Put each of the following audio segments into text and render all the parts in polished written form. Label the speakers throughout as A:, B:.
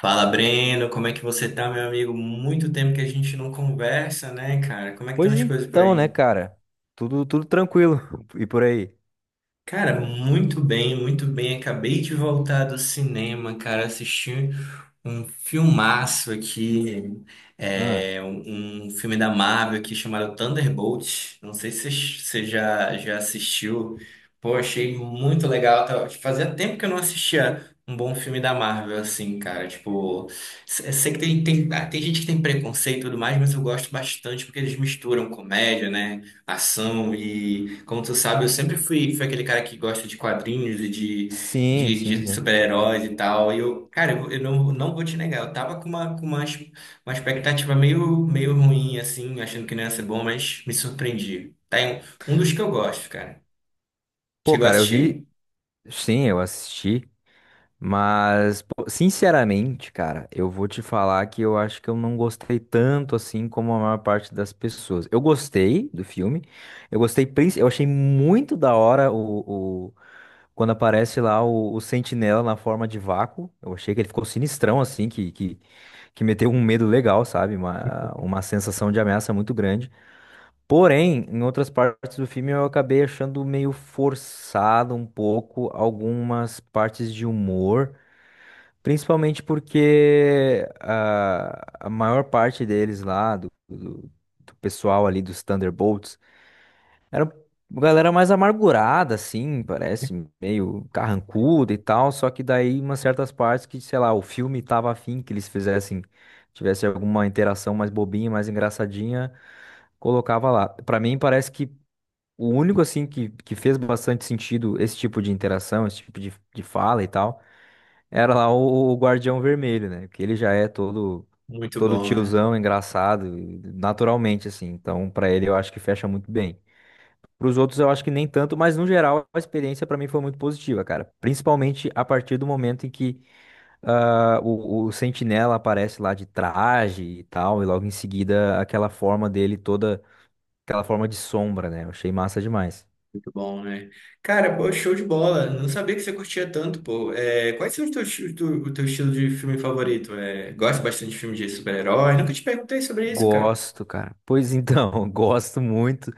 A: Fala, Breno, como é que você tá, meu amigo? Muito tempo que a gente não conversa, né, cara? Como é que estão
B: Pois
A: as coisas por
B: então, né,
A: aí?
B: cara? Tudo tranquilo. E por aí?
A: Cara, muito bem, muito bem. Acabei de voltar do cinema, cara. Assisti um filmaço aqui,
B: Ah,
A: um filme da Marvel aqui chamado Thunderbolt. Não sei se você já assistiu. Pô, achei muito legal. Fazia tempo que eu não assistia um bom filme da Marvel, assim, cara. Tipo, sei que tem gente que tem preconceito e tudo mais, mas eu gosto bastante porque eles misturam comédia, né? Ação e, como tu sabe, eu sempre fui aquele cara que gosta de quadrinhos e de,
B: sim,
A: de, de
B: sim. É.
A: super-heróis e tal. E eu, cara, eu não vou te negar, eu tava com uma, uma expectativa meio ruim, assim, achando que não ia ser bom, mas me surpreendi. Tá em um dos que eu gosto, cara.
B: Pô,
A: Chegou a
B: cara, eu vi.
A: assistir?
B: Sim, eu assisti. Mas, pô, sinceramente, cara, eu vou te falar que eu acho que eu não gostei tanto assim como a maior parte das pessoas. Eu gostei do filme. Eu gostei, eu achei muito da hora quando aparece lá o Sentinela na forma de vácuo. Eu achei que ele ficou sinistrão assim, que meteu um medo legal, sabe? Uma sensação de ameaça muito grande. Porém, em outras partes do filme eu acabei achando meio forçado um pouco algumas partes de humor, principalmente porque a maior parte deles lá, do pessoal ali dos Thunderbolts, era uma galera mais amargurada, assim, parece, meio carrancuda e tal. Só que daí, umas certas partes que, sei lá, o filme tava afim que eles fizessem, tivesse alguma interação mais bobinha, mais engraçadinha, colocava lá. Pra mim, parece que o único, assim, que fez bastante sentido esse tipo de interação, esse tipo de fala e tal, era lá o Guardião Vermelho, né? Que ele já é todo.
A: Muito
B: Todo
A: bom, né?
B: tiozão, engraçado, naturalmente, assim. Então, pra ele, eu acho que fecha muito bem. Para os outros, eu acho que nem tanto, mas no geral a experiência para mim foi muito positiva, cara. Principalmente a partir do momento em que o Sentinela aparece lá de traje e tal, e logo em seguida aquela forma dele toda, aquela forma de sombra, né? Eu achei massa demais.
A: Muito bom, né? Cara, pô, show de bola. Não sabia que você curtia tanto, pô. É, quais são os teus, os tu- o teu estilo de filme favorito? É, gosta bastante de filme de super-herói? Nunca te perguntei sobre isso, cara.
B: Gosto, cara. Pois então, gosto muito.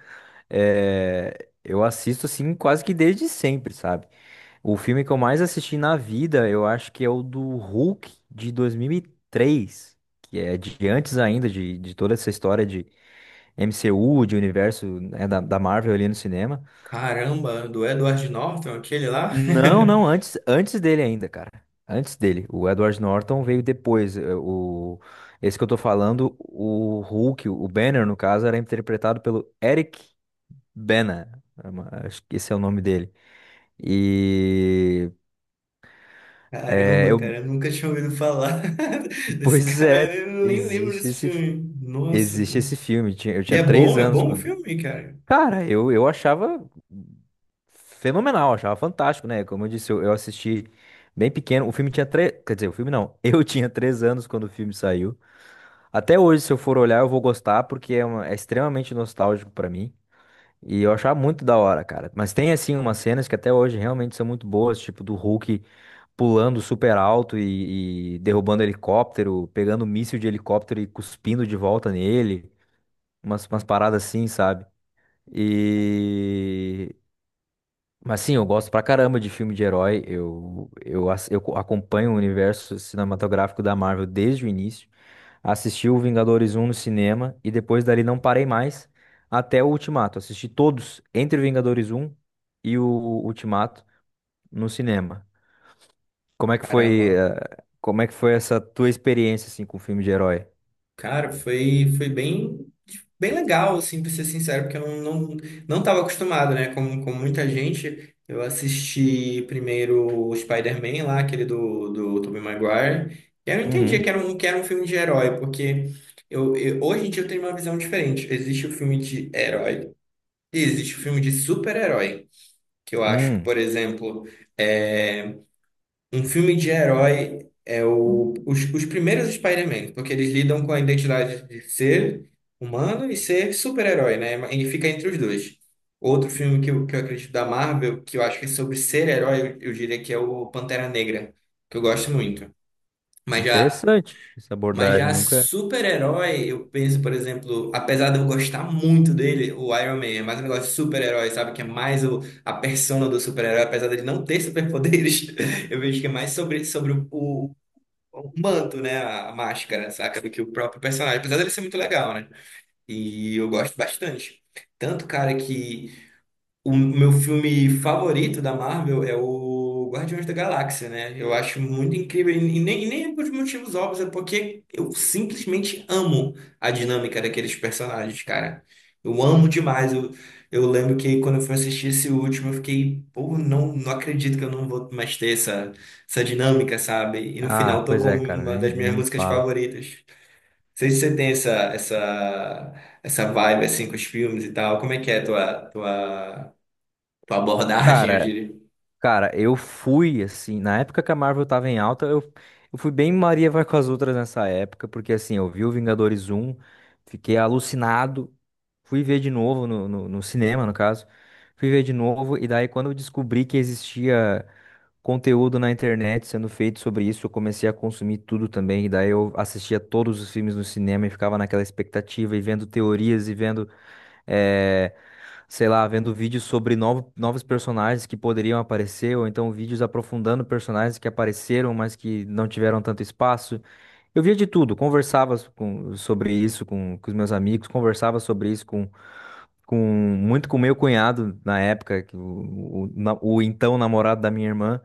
B: É, eu assisto assim quase que desde sempre, sabe? O filme que eu mais assisti na vida, eu acho que é o do Hulk de 2003, que é de antes ainda de toda essa história de MCU, de universo, né, da, da Marvel ali no cinema.
A: Caramba, do Edward Norton, aquele lá?
B: Não, não, antes, antes dele ainda, cara. Antes dele. O Edward Norton veio depois. Esse que eu tô falando, o Hulk, o Banner, no caso, era interpretado pelo Eric Bana. Acho que esse é o nome dele. E
A: Caramba, cara, eu nunca tinha ouvido falar desse
B: pois
A: cara,
B: é,
A: eu nem lembro desse filme. Nossa, que...
B: existe esse filme. Eu
A: E
B: tinha três
A: é
B: anos
A: bom o
B: quando.
A: filme, cara.
B: Cara, eu achava fenomenal, achava fantástico, né? Como eu disse, eu assisti bem pequeno. O filme tinha três. Quer dizer, o filme não. Eu tinha três anos quando o filme saiu. Até hoje, se eu for olhar, eu vou gostar, porque é, é extremamente nostálgico pra mim. E eu achava muito da hora, cara. Mas tem, assim, umas cenas que até hoje realmente são muito boas, tipo do Hulk pulando super alto e derrubando helicóptero, pegando um míssil de helicóptero e cuspindo de volta nele. Umas paradas assim, sabe? E. Mas sim, eu gosto pra caramba de filme de herói. Eu acompanho o universo cinematográfico da Marvel desde o início. Assisti o Vingadores um no cinema e depois dali não parei mais até o Ultimato. Assisti todos entre o Vingadores um e o Ultimato no cinema. Como é que foi,
A: Caramba.
B: como é que foi essa tua experiência assim com filme de herói?
A: Cara, foi bem. Bem legal, assim, pra ser sincero, porque eu não, não estava acostumado, né? Como, como muita gente, eu assisti primeiro o Spider-Man lá, aquele do Tobey Maguire, e eu entendia
B: Uhum.
A: que era um filme de herói, porque hoje em dia eu tenho uma visão diferente. Existe o filme de herói e existe o filme de super-herói, que eu acho que,
B: Hum,
A: por exemplo, é, um filme de herói é os primeiros Spider-Man, porque eles lidam com a identidade de ser humano e ser super-herói, né? E fica entre os dois. Outro filme que eu acredito da Marvel, que eu acho que é sobre ser herói, eu diria que é o Pantera Negra, que eu gosto muito. Mas já
B: interessante essa
A: mas
B: abordagem,
A: já
B: nunca.
A: super-herói, eu penso, por exemplo, apesar de eu gostar muito dele, o Iron Man é mais um negócio de super-herói, sabe? Que é mais o, a persona do super-herói, apesar dele não ter superpoderes, eu vejo que é mais sobre, sobre o manto, né? A máscara, saca? Do que o próprio personagem, apesar dele ser muito legal, né? E eu gosto bastante. Tanto, cara, que o meu filme favorito da Marvel é o Guardiões da Galáxia, né? Eu acho muito incrível, e nem por motivos óbvios, é porque eu simplesmente amo a dinâmica daqueles personagens, cara. Eu amo demais. Eu lembro que quando eu fui assistir esse último, eu fiquei, pô, não acredito que eu não vou mais ter essa, essa dinâmica, sabe? E no final
B: Ah, pois
A: tocou
B: é, cara,
A: uma
B: nem,
A: das
B: nem
A: minhas
B: me
A: músicas
B: fala.
A: favoritas. Não sei se você tem essa vibe assim com os filmes e tal. Como é que é a tua abordagem, eu
B: Cara,
A: diria.
B: Cara, eu fui, assim, na época que a Marvel tava em alta, eu fui bem Maria vai com as outras nessa época, porque assim, eu vi o Vingadores um, fiquei alucinado, fui ver de novo no cinema, no caso, fui ver de novo, e daí quando eu descobri que existia conteúdo na internet sendo feito sobre isso, eu comecei a consumir tudo também, e daí eu assistia todos os filmes no cinema e ficava naquela expectativa, e vendo teorias, e vendo é, sei lá, vendo vídeos sobre novos personagens que poderiam aparecer, ou então vídeos aprofundando personagens que apareceram, mas que não tiveram tanto espaço. Eu via de tudo, conversava sobre isso com os meus amigos, conversava sobre isso com muito com meu cunhado na época, que o então namorado da minha irmã.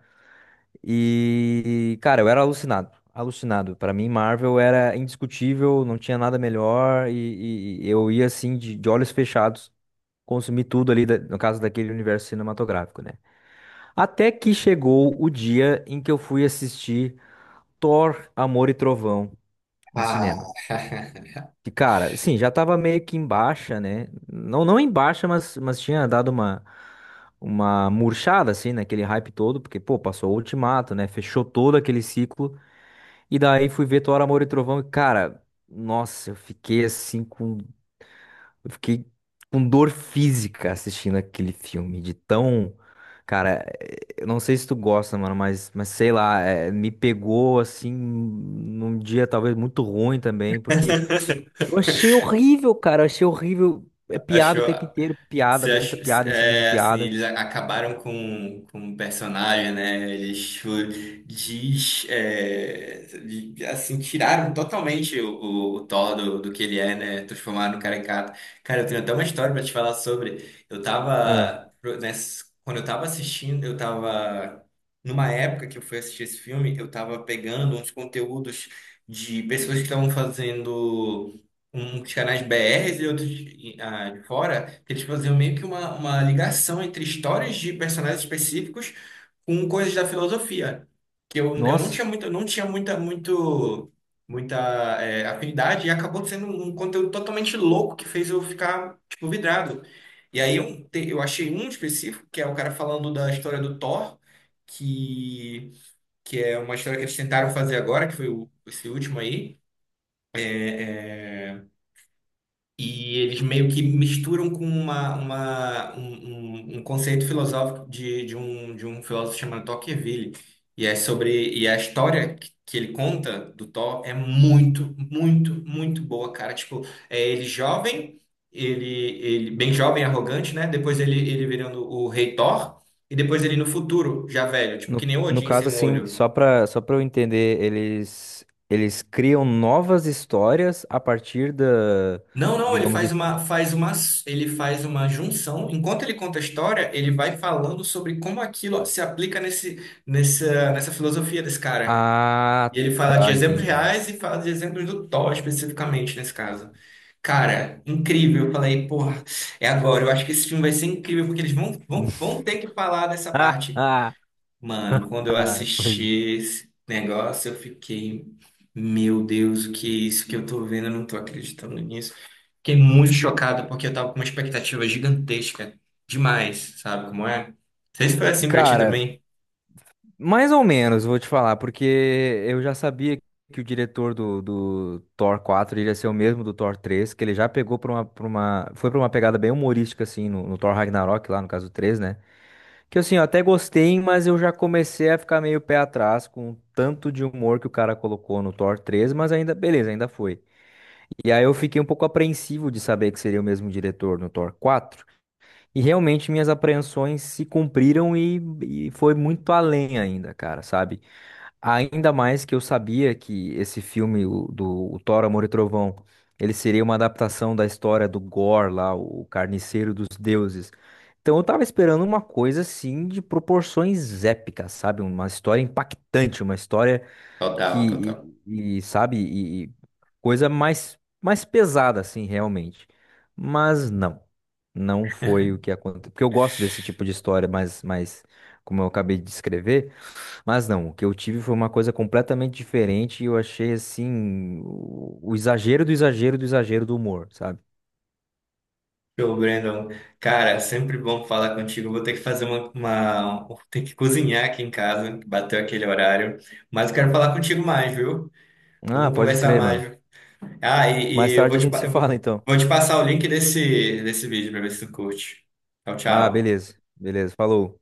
B: E, cara, eu era alucinado, alucinado. Pra mim, Marvel era indiscutível, não tinha nada melhor, e eu ia assim de olhos fechados consumi tudo ali, no caso daquele universo cinematográfico, né? Até que chegou o dia em que eu fui assistir Thor, Amor e Trovão no
A: Ah,
B: cinema. E, cara, sim, já tava meio que em baixa, né? Não, não em baixa, mas tinha dado uma murchada, assim, naquele hype todo, porque, pô, passou o Ultimato, né? Fechou todo aquele ciclo. E daí fui ver Thor, Amor e Trovão e, cara, nossa, eu fiquei assim com. Eu fiquei com dor física assistindo aquele filme, de tão. Cara, eu não sei se tu gosta, mano, mas sei lá, é, me pegou assim num dia talvez muito ruim também, porque eu achei horrível, cara, eu achei horrível. É piada o tempo
A: Achou?
B: inteiro, piada, muita piada em cima de
A: É, assim,
B: piada.
A: acabaram com o personagem, né? Eles tipo, diz, é, de- assim, tiraram totalmente o Thor do que ele é, né? Transformaram no caricato. Cara, eu tenho até uma história pra te falar sobre.
B: Ah,
A: Quando eu tava assistindo, eu tava, numa época que eu fui assistir esse filme, eu tava pegando uns conteúdos de pessoas que estavam fazendo uns canais BRs e outros de fora, que eles faziam meio que uma ligação entre histórias de personagens específicos com coisas da filosofia, que eu, eu não
B: nossa,
A: tinha muito, eu não tinha muita é, afinidade e acabou sendo um conteúdo totalmente louco que fez eu ficar, tipo, vidrado. E aí eu achei um específico, que é o cara falando da história do Thor, que, que é uma história que eles tentaram fazer agora, que foi esse último aí. E eles meio que misturam com uma, um, um um conceito filosófico de um filósofo chamado Tocqueville. E é sobre, e a história que ele conta do Thor é muito boa, cara. Tipo, é ele jovem, ele, ele bem jovem, arrogante, né? Depois ele virando o rei Thor, e depois ele no futuro, já velho, tipo, que
B: no,
A: nem o
B: no
A: Odin sem
B: caso
A: um
B: assim,
A: olho.
B: só pra eu entender, eles criam novas histórias a partir da,
A: Não, não, ele
B: digamos,
A: ele faz uma junção. Enquanto ele conta a história, ele vai falando sobre como aquilo se aplica nessa filosofia desse cara. E
B: Ah,
A: ele fala de
B: tá,
A: exemplos
B: entendi.
A: reais e fala de exemplos do Thor especificamente nesse caso. Cara, incrível. Eu falei, porra, é agora. Eu acho que esse filme vai ser incrível porque eles vão ter que falar dessa parte. Mano, quando eu
B: Ah,
A: assisti
B: pois-
A: esse negócio, eu fiquei, meu Deus, o que é isso que eu tô vendo? Eu não tô acreditando nisso. Fiquei muito chocado porque eu tava com uma expectativa gigantesca. Demais, sabe como é? Não sei se foi assim pra ti
B: Cara,
A: também.
B: mais ou menos, vou te falar, porque eu já sabia que o diretor do Thor 4 iria ser o mesmo do Thor 3, que ele já pegou foi pra uma pegada bem humorística, assim, no Thor Ragnarok, lá no caso 3, né? Que assim, eu até gostei, mas eu já comecei a ficar meio pé atrás com o tanto de humor que o cara colocou no Thor 3, mas ainda, beleza, ainda foi. E aí eu fiquei um pouco apreensivo de saber que seria o mesmo diretor no Thor 4. E realmente minhas apreensões se cumpriram e foi muito além ainda, cara, sabe? Ainda mais que eu sabia que esse filme o- do o Thor, Amor e Trovão, ele seria uma adaptação da história do Gore lá, o Carniceiro dos Deuses. Então eu tava esperando uma coisa assim de proporções épicas, sabe? Uma história impactante, uma história
A: Total, total.
B: que sabe e coisa mais mais pesada assim realmente, mas não, não foi o que aconteceu, porque eu gosto desse tipo de história, mas mais como eu acabei de descrever. Mas não, o que eu tive foi uma coisa completamente diferente e eu achei assim o exagero do exagero do exagero do humor, sabe?
A: Show, Brandon. Cara, sempre bom falar contigo. Vou ter que fazer Vou ter que cozinhar aqui em casa, que bateu aquele horário. Mas eu quero falar contigo mais, viu?
B: Ah,
A: Vamos
B: pode
A: conversar
B: crer,
A: mais,
B: mano.
A: viu? Ah, e,
B: Mais
A: e eu
B: tarde
A: vou
B: a gente se fala, então.
A: vou te passar o link desse vídeo pra ver se tu curte. Tchau,
B: Ah,
A: tchau.
B: beleza, beleza, falou.